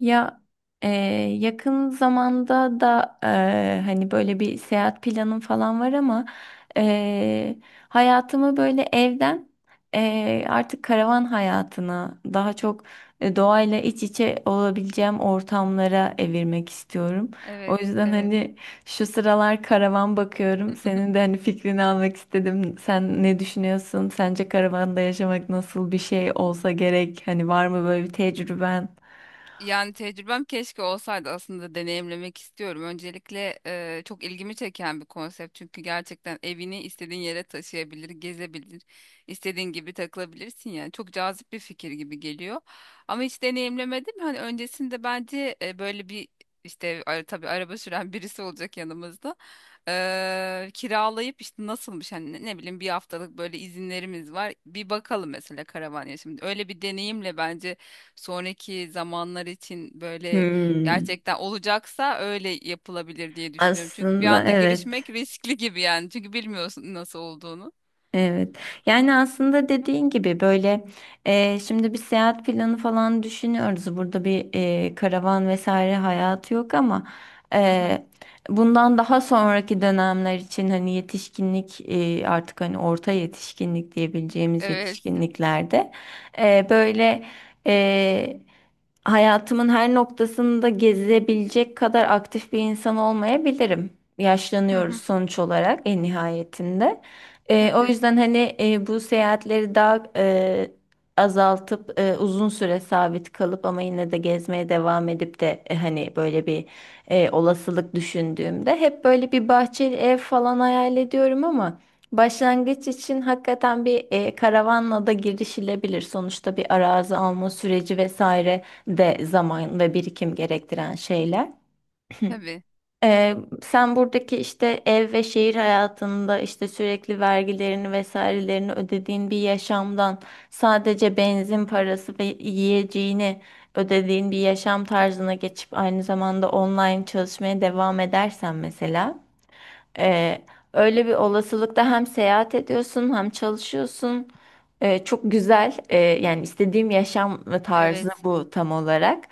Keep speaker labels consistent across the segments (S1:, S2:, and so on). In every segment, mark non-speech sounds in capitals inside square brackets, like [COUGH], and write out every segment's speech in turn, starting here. S1: Ya e, yakın zamanda da hani böyle bir seyahat planım falan var ama e, hayatımı böyle evden artık karavan hayatına daha çok doğayla iç içe olabileceğim ortamlara evirmek istiyorum. O
S2: Evet,
S1: yüzden
S2: evet.
S1: hani şu sıralar karavan bakıyorum. Senin de hani fikrini almak istedim. Sen ne düşünüyorsun? Sence karavanda yaşamak nasıl bir şey olsa gerek? Hani var mı böyle bir tecrüben?
S2: Yani tecrübem keşke olsaydı, aslında deneyimlemek istiyorum. Öncelikle çok ilgimi çeken bir konsept, çünkü gerçekten evini istediğin yere taşıyabilir, gezebilir, istediğin gibi takılabilirsin yani. Çok cazip bir fikir gibi geliyor. Ama hiç deneyimlemedim. Hani öncesinde bence böyle bir işte tabii araba süren [LAUGHS] birisi olacak yanımızda. Kiralayıp işte nasılmış, hani ne ne bileyim, bir haftalık böyle izinlerimiz var. Bir bakalım mesela karavan ya şimdi. Öyle bir deneyimle bence sonraki zamanlar için böyle
S1: Hmm,
S2: gerçekten olacaksa öyle yapılabilir diye düşünüyorum. Çünkü bir
S1: aslında
S2: anda
S1: evet.
S2: girişmek riskli gibi yani. Çünkü bilmiyorsun nasıl olduğunu.
S1: Evet. Yani aslında dediğin gibi böyle şimdi bir seyahat planı falan düşünüyoruz. Burada bir karavan vesaire hayatı yok ama
S2: Hı hı.
S1: e, bundan daha sonraki dönemler için hani yetişkinlik artık hani orta yetişkinlik diyebileceğimiz
S2: Evet.
S1: yetişkinliklerde böyle e, hayatımın her noktasında gezebilecek kadar aktif bir insan olmayabilirim.
S2: Hı
S1: Yaşlanıyoruz
S2: hı.
S1: sonuç olarak en nihayetinde. O
S2: Tabii,
S1: yüzden hani bu seyahatleri daha azaltıp uzun süre sabit kalıp ama yine de gezmeye devam edip de hani böyle bir olasılık düşündüğümde hep böyle bir bahçeli ev falan hayal ediyorum ama başlangıç için hakikaten bir karavanla da girişilebilir. Sonuçta bir arazi alma süreci vesaire de zaman ve birikim gerektiren şeyler. [CLEARS THROAT]
S2: tabii.
S1: Ee, sen buradaki işte ev ve şehir hayatında işte sürekli vergilerini vesairelerini ödediğin bir yaşamdan sadece benzin parası ve yiyeceğini ödediğin bir yaşam tarzına geçip aynı zamanda online çalışmaya devam edersen mesela e, öyle bir olasılıkta hem seyahat ediyorsun hem çalışıyorsun. Çok güzel yani istediğim yaşam tarzı
S2: Evet.
S1: bu tam olarak.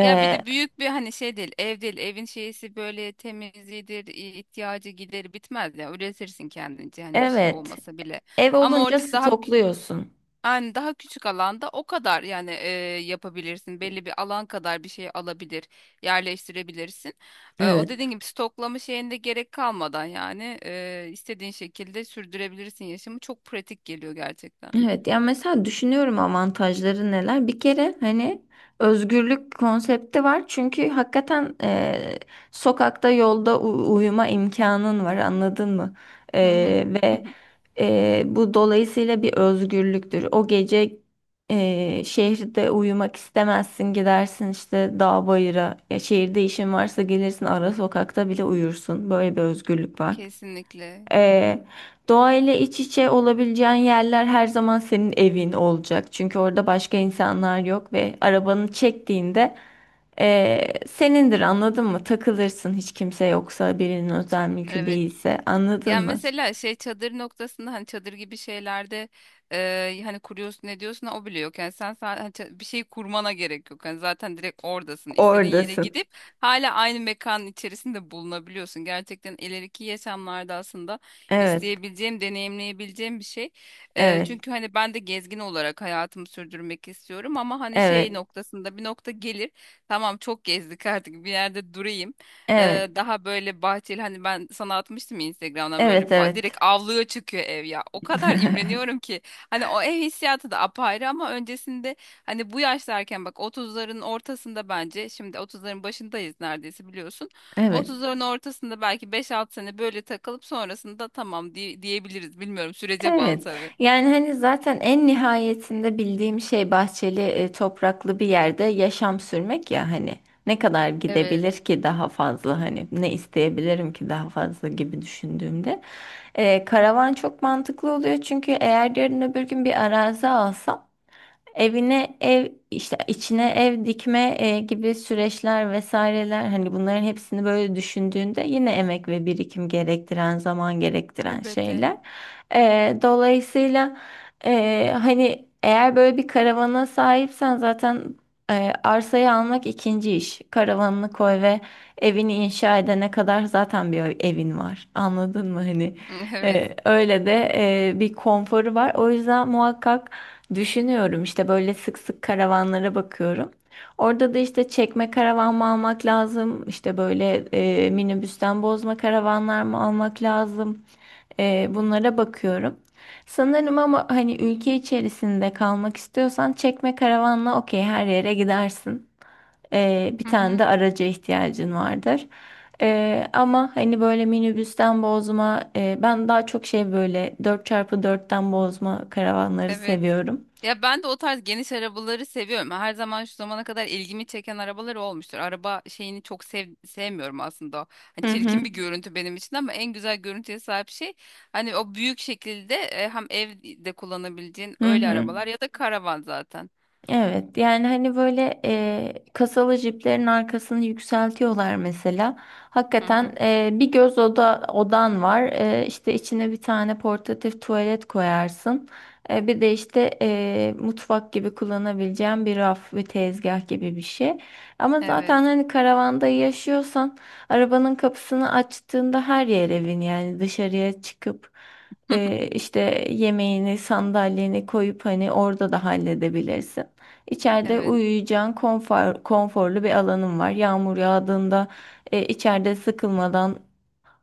S2: Ya bir de büyük bir hani şey değil, ev değil. Evin şeysi böyle temizliğidir, ihtiyacı, gideri bitmez ya. Üretirsin kendince, hani bir şey
S1: evet,
S2: olmasa bile.
S1: ev
S2: Ama
S1: olunca
S2: oradaki daha,
S1: stokluyorsun.
S2: yani daha küçük alanda o kadar yani, yapabilirsin. Belli bir alan kadar bir şey alabilir, yerleştirebilirsin. O
S1: Evet.
S2: dediğin gibi stoklama şeyinde gerek kalmadan yani istediğin şekilde sürdürebilirsin yaşamı. Çok pratik geliyor gerçekten.
S1: Evet, ya mesela düşünüyorum avantajları neler. Bir kere hani özgürlük konsepti var. Çünkü hakikaten sokakta yolda uyuma imkanın var, anladın mı?
S2: Hı hı.
S1: Ve
S2: [LAUGHS]
S1: bu dolayısıyla bir özgürlüktür. O gece şehirde uyumak istemezsin, gidersin işte dağ bayıra. Ya şehirde işin varsa gelirsin ara sokakta bile uyursun. Böyle bir özgürlük var.
S2: Kesinlikle.
S1: Ee, doğayla iç içe olabileceğin yerler her zaman senin evin olacak. Çünkü orada başka insanlar yok ve arabanı çektiğinde senindir, anladın mı? Takılırsın hiç kimse yoksa, birinin özel mülkü
S2: Evet.
S1: değilse, anladın
S2: Yani
S1: mı?
S2: mesela şey, çadır noktasında, hani çadır gibi şeylerde hani kuruyorsun ne diyorsun, o bile yok. Yani sen, sa- hani ça- bir şey kurmana gerek yok. Yani zaten direkt oradasın. İstediğin yere
S1: Oradasın.
S2: gidip hala aynı mekanın içerisinde bulunabiliyorsun. Gerçekten ileriki yaşamlarda aslında
S1: Evet,
S2: isteyebileceğim, deneyimleyebileceğim bir şey.
S1: evet,
S2: Çünkü hani ben de gezgin olarak hayatımı sürdürmek istiyorum, ama hani şey
S1: evet,
S2: noktasında bir nokta gelir. Tamam, çok gezdik [LAUGHS] artık bir yerde durayım.
S1: evet,
S2: Daha böyle bahçeli, hani ben sana atmıştım ya Instagram'dan, böyle
S1: evet,
S2: direkt
S1: evet.
S2: avluya çıkıyor ev ya. O kadar
S1: [LAUGHS]
S2: imreniyorum ki, hani o ev hissiyatı da apayrı, ama öncesinde hani bu yaşlarken, bak 30'ların ortasında, bence şimdi 30'ların başındayız neredeyse, biliyorsun.
S1: Evet.
S2: 30'ların ortasında belki 5-6 sene böyle takılıp sonrasında tamam diyebiliriz. Bilmiyorum, sürece bağlı
S1: Evet.
S2: tabii.
S1: Yani hani zaten en nihayetinde bildiğim şey bahçeli, e, topraklı bir yerde yaşam sürmek ya hani ne kadar
S2: Evet.
S1: gidebilir ki daha fazla, hani ne isteyebilirim ki daha fazla gibi düşündüğümde. Karavan çok mantıklı oluyor çünkü eğer yarın öbür gün bir arazi alsam, evine ev işte içine ev dikme gibi süreçler vesaireler, hani bunların hepsini böyle düşündüğünde yine emek ve birikim gerektiren, zaman gerektiren
S2: Elbette.
S1: şeyler. Dolayısıyla hani eğer böyle bir karavana sahipsen zaten arsayı almak ikinci iş. Karavanını koy ve evini inşa edene kadar zaten bir evin var. Anladın mı hani?
S2: [LAUGHS] Evet.
S1: Öyle de bir konforu var. O yüzden muhakkak düşünüyorum işte, böyle sık sık karavanlara bakıyorum. Orada da işte çekme karavan mı almak lazım? İşte böyle minibüsten bozma karavanlar mı almak lazım? Bunlara bakıyorum. Sanırım ama hani ülke içerisinde kalmak istiyorsan çekme karavanla okey, her yere gidersin. Bir
S2: Hı
S1: tane
S2: hı.
S1: de araca ihtiyacın vardır. Ama hani böyle minibüsten bozma, ben daha çok şey, böyle dört çarpı dörtten bozma karavanları
S2: Evet.
S1: seviyorum.
S2: Ya ben de o tarz geniş arabaları seviyorum. Her zaman şu zamana kadar ilgimi çeken arabalar olmuştur. Araba şeyini çok sevmiyorum aslında. Hani
S1: Hı hı.
S2: çirkin bir görüntü benim için, ama en güzel görüntüye sahip şey, hani o büyük şekilde hem evde kullanabileceğin
S1: Hı
S2: öyle
S1: hı.
S2: arabalar ya da karavan zaten.
S1: Evet, yani hani böyle kasalı jiplerin arkasını yükseltiyorlar mesela.
S2: Hı
S1: Hakikaten
S2: hı.
S1: bir göz oda odan var. E, işte içine bir tane portatif tuvalet koyarsın. Bir de işte mutfak gibi kullanabileceğin bir raf ve tezgah gibi bir şey. Ama
S2: Evet.
S1: zaten hani karavanda yaşıyorsan arabanın kapısını açtığında her yer evin, yani dışarıya çıkıp
S2: [LAUGHS]
S1: işte yemeğini, sandalyeni koyup hani orada da halledebilirsin. İçeride
S2: Evet.
S1: uyuyacağın konfor, konforlu bir alanın var. Yağmur yağdığında içeride sıkılmadan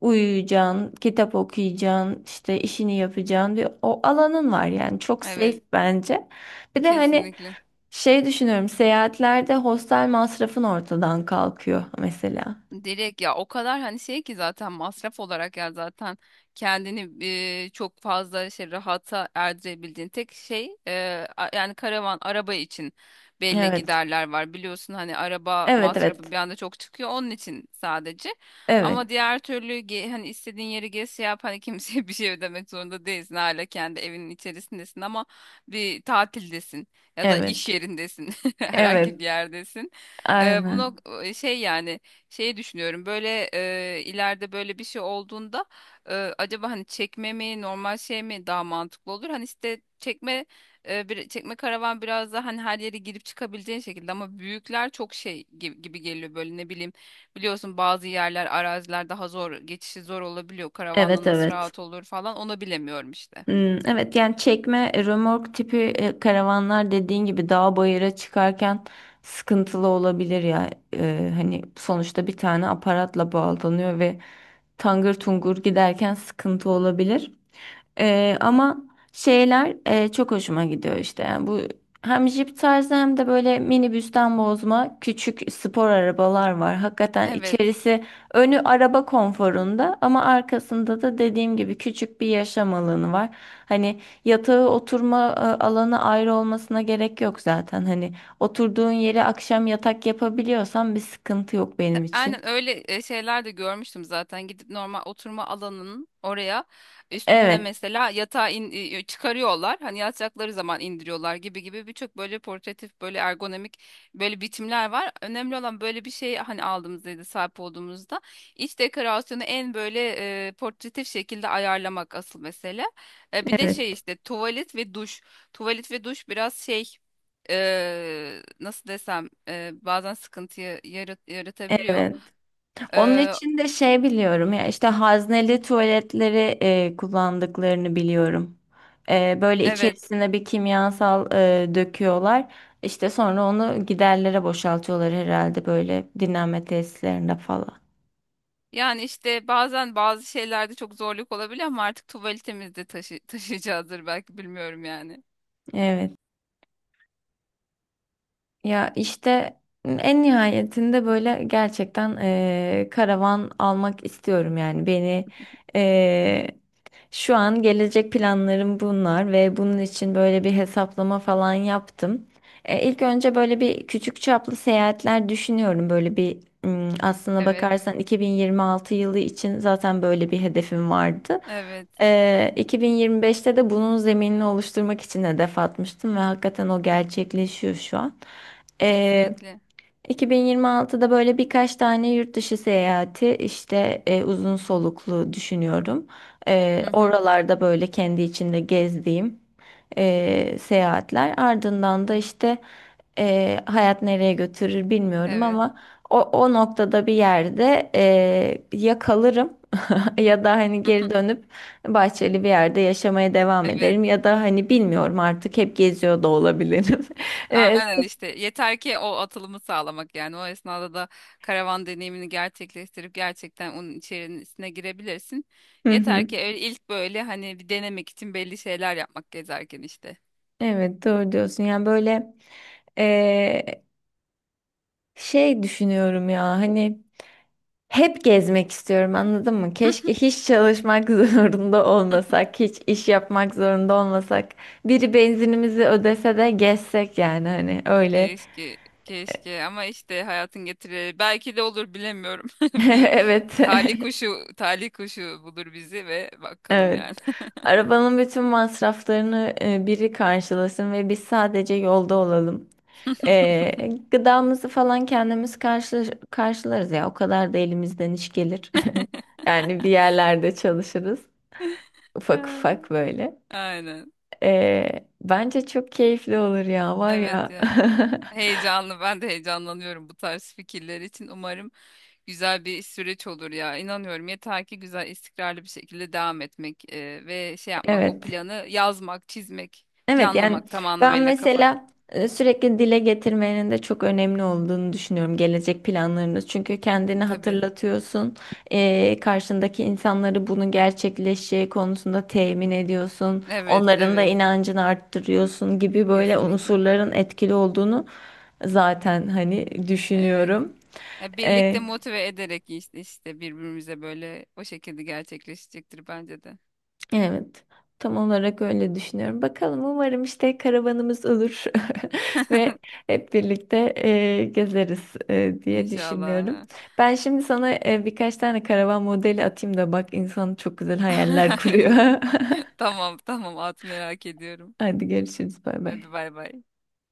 S1: uyuyacağın, kitap okuyacağın, işte işini yapacağın bir o alanın var, yani çok safe
S2: Evet.
S1: bence. Bir de hani
S2: Kesinlikle.
S1: şey düşünüyorum, seyahatlerde hostel masrafın ortadan kalkıyor mesela.
S2: Direkt ya, o kadar hani şey ki, zaten masraf olarak ya, zaten kendini çok fazla şey, rahata erdirebildiğin tek şey, yani karavan araba için belli
S1: Evet.
S2: giderler var, biliyorsun, hani araba
S1: Evet,
S2: masrafı
S1: evet.
S2: bir anda çok çıkıyor, onun için sadece,
S1: Evet.
S2: ama diğer türlü hani istediğin yeri gez, şey yap, hani kimseye [LAUGHS] bir şey ödemek zorunda değilsin, hala kendi evinin içerisindesin, ama bir tatildesin ya da
S1: Evet.
S2: iş yerindesin, [LAUGHS] herhangi
S1: Evet.
S2: bir yerdesin.
S1: Aynen.
S2: Şey yani, şeyi düşünüyorum böyle, ileride böyle bir şey olduğunda acaba hani çekme mi normal şey mi daha mantıklı olur? Hani işte çekme, çekme karavan biraz daha hani her yere girip çıkabileceğin şekilde, ama büyükler çok şey gibi geliyor, böyle ne bileyim, biliyorsun bazı yerler, araziler daha zor, geçişi zor olabiliyor karavanla,
S1: Evet,
S2: nasıl
S1: evet.
S2: rahat olur falan, onu bilemiyorum işte.
S1: Hmm, evet, yani çekme römork tipi karavanlar dediğin gibi dağ bayıra çıkarken sıkıntılı olabilir ya. Hani sonuçta bir tane aparatla bağlanıyor ve tangır tungur giderken sıkıntı olabilir. Ama şeyler çok hoşuma gidiyor işte. Yani bu hem jip tarzı hem de böyle minibüsten bozma küçük spor arabalar var.
S2: [LAUGHS]
S1: Hakikaten
S2: Evet.
S1: içerisi, önü araba konforunda ama arkasında da dediğim gibi küçük bir yaşam alanı var. Hani yatağı, oturma alanı ayrı olmasına gerek yok zaten. Hani oturduğun yere akşam yatak yapabiliyorsan bir sıkıntı yok benim için.
S2: Aynen, öyle şeyler de görmüştüm zaten. Gidip normal oturma alanının oraya üstünde
S1: Evet,
S2: mesela yatağı çıkarıyorlar. Hani yatacakları zaman indiriyorlar, gibi birçok böyle portatif, böyle ergonomik böyle biçimler var. Önemli olan böyle bir şey, hani aldığımızda, sahip olduğumuzda iç dekorasyonu en böyle portatif şekilde ayarlamak asıl mesele. Bir de şey,
S1: evet,
S2: işte tuvalet ve duş. Tuvalet ve duş biraz şey, nasıl desem, bazen sıkıntıyı yaratabiliyor.
S1: evet. Onun
S2: Ee,
S1: için de şey, biliyorum ya, işte hazneli tuvaletleri kullandıklarını biliyorum. Böyle
S2: evet.
S1: içerisine bir kimyasal döküyorlar. İşte sonra onu giderlere boşaltıyorlar herhalde, böyle dinlenme tesislerinde falan.
S2: Yani işte bazen bazı şeylerde çok zorluk olabiliyor, ama artık tuvaletimizde de [LAUGHS] taşıyacağızdır belki, bilmiyorum yani.
S1: Evet. Ya işte en nihayetinde böyle gerçekten karavan almak istiyorum, yani beni şu an gelecek planlarım bunlar ve bunun için böyle bir hesaplama falan yaptım. İlk önce böyle bir küçük çaplı seyahatler düşünüyorum. Böyle bir aslına
S2: Evet.
S1: bakarsan 2026 yılı için zaten böyle bir hedefim vardı.
S2: Evet.
S1: E, 2025'te de bunun zeminini oluşturmak için hedef atmıştım ve hakikaten o gerçekleşiyor şu an. E,
S2: Kesinlikle.
S1: 2026'da böyle birkaç tane yurt dışı seyahati, işte uzun soluklu düşünüyorum.
S2: Hı hı.
S1: Oralarda böyle kendi içinde gezdiğim seyahatler. Ardından da işte hayat nereye götürür bilmiyorum
S2: Evet.
S1: ama o noktada bir yerde ya kalırım [LAUGHS] ya da hani geri
S2: [LAUGHS]
S1: dönüp bahçeli bir yerde yaşamaya devam
S2: Evet.
S1: ederim ya da hani bilmiyorum, artık hep geziyor da olabilirim. [LAUGHS] E,
S2: Aynen işte, yeter ki o atılımı sağlamak, yani o esnada da karavan deneyimini gerçekleştirip gerçekten onun içerisine girebilirsin.
S1: hı
S2: Yeter
S1: hı.
S2: ki öyle ilk böyle, hani bir denemek için belli şeyler yapmak gezerken işte.
S1: Evet, doğru diyorsun. Yani böyle eee, şey düşünüyorum ya hani hep gezmek istiyorum, anladın mı? Keşke hiç çalışmak [LAUGHS] zorunda olmasak, hiç iş yapmak zorunda olmasak. Biri benzinimizi ödese de gezsek, yani hani öyle.
S2: Keşke, keşke, ama işte hayatın getirileri belki de olur, bilemiyorum.
S1: [LAUGHS]
S2: [LAUGHS] Bir
S1: Evet.
S2: talih
S1: [LAUGHS]
S2: kuşu, talih kuşu bulur bizi ve bakalım
S1: Evet.
S2: yani.
S1: Arabanın bütün masraflarını biri karşılasın ve biz sadece yolda olalım. Gıdamızı falan kendimiz karşılarız ya. O kadar da elimizden iş gelir. [LAUGHS] Yani bir yerlerde çalışırız. Ufak ufak
S2: [LAUGHS]
S1: böyle.
S2: Aynen.
S1: Bence çok keyifli olur ya, var
S2: Evet
S1: ya.
S2: ya. Heyecanlı. Ben de heyecanlanıyorum bu tarz fikirler için. Umarım güzel bir süreç olur ya. İnanıyorum. Yeter ki güzel, istikrarlı bir şekilde devam etmek ve şey
S1: [LAUGHS]
S2: yapmak, o
S1: Evet.
S2: planı yazmak, çizmek,
S1: Evet, yani
S2: planlamak tam
S1: ben
S2: anlamıyla kafada.
S1: mesela sürekli dile getirmenin de çok önemli olduğunu düşünüyorum gelecek planlarında. Çünkü kendini
S2: Tabii.
S1: hatırlatıyorsun, karşındaki insanları bunun gerçekleşeceği konusunda temin ediyorsun,
S2: Evet,
S1: onların da
S2: evet.
S1: inancını arttırıyorsun gibi, böyle
S2: Kesinlikle.
S1: unsurların etkili olduğunu zaten hani
S2: Evet.
S1: düşünüyorum.
S2: Ya birlikte
S1: E,
S2: motive ederek işte işte birbirimize, böyle o şekilde gerçekleşecektir bence de.
S1: Evet, tam olarak öyle düşünüyorum. Bakalım, umarım işte karavanımız olur [LAUGHS] ve
S2: [LAUGHS]
S1: hep birlikte gezeriz diye düşünüyorum.
S2: İnşallah.
S1: Ben şimdi sana birkaç tane karavan modeli atayım da bak, insan çok güzel hayaller kuruyor.
S2: [LAUGHS] Tamam tamam, at, merak ediyorum.
S1: [LAUGHS] Hadi görüşürüz, bay
S2: Hadi
S1: bay.
S2: bay bay.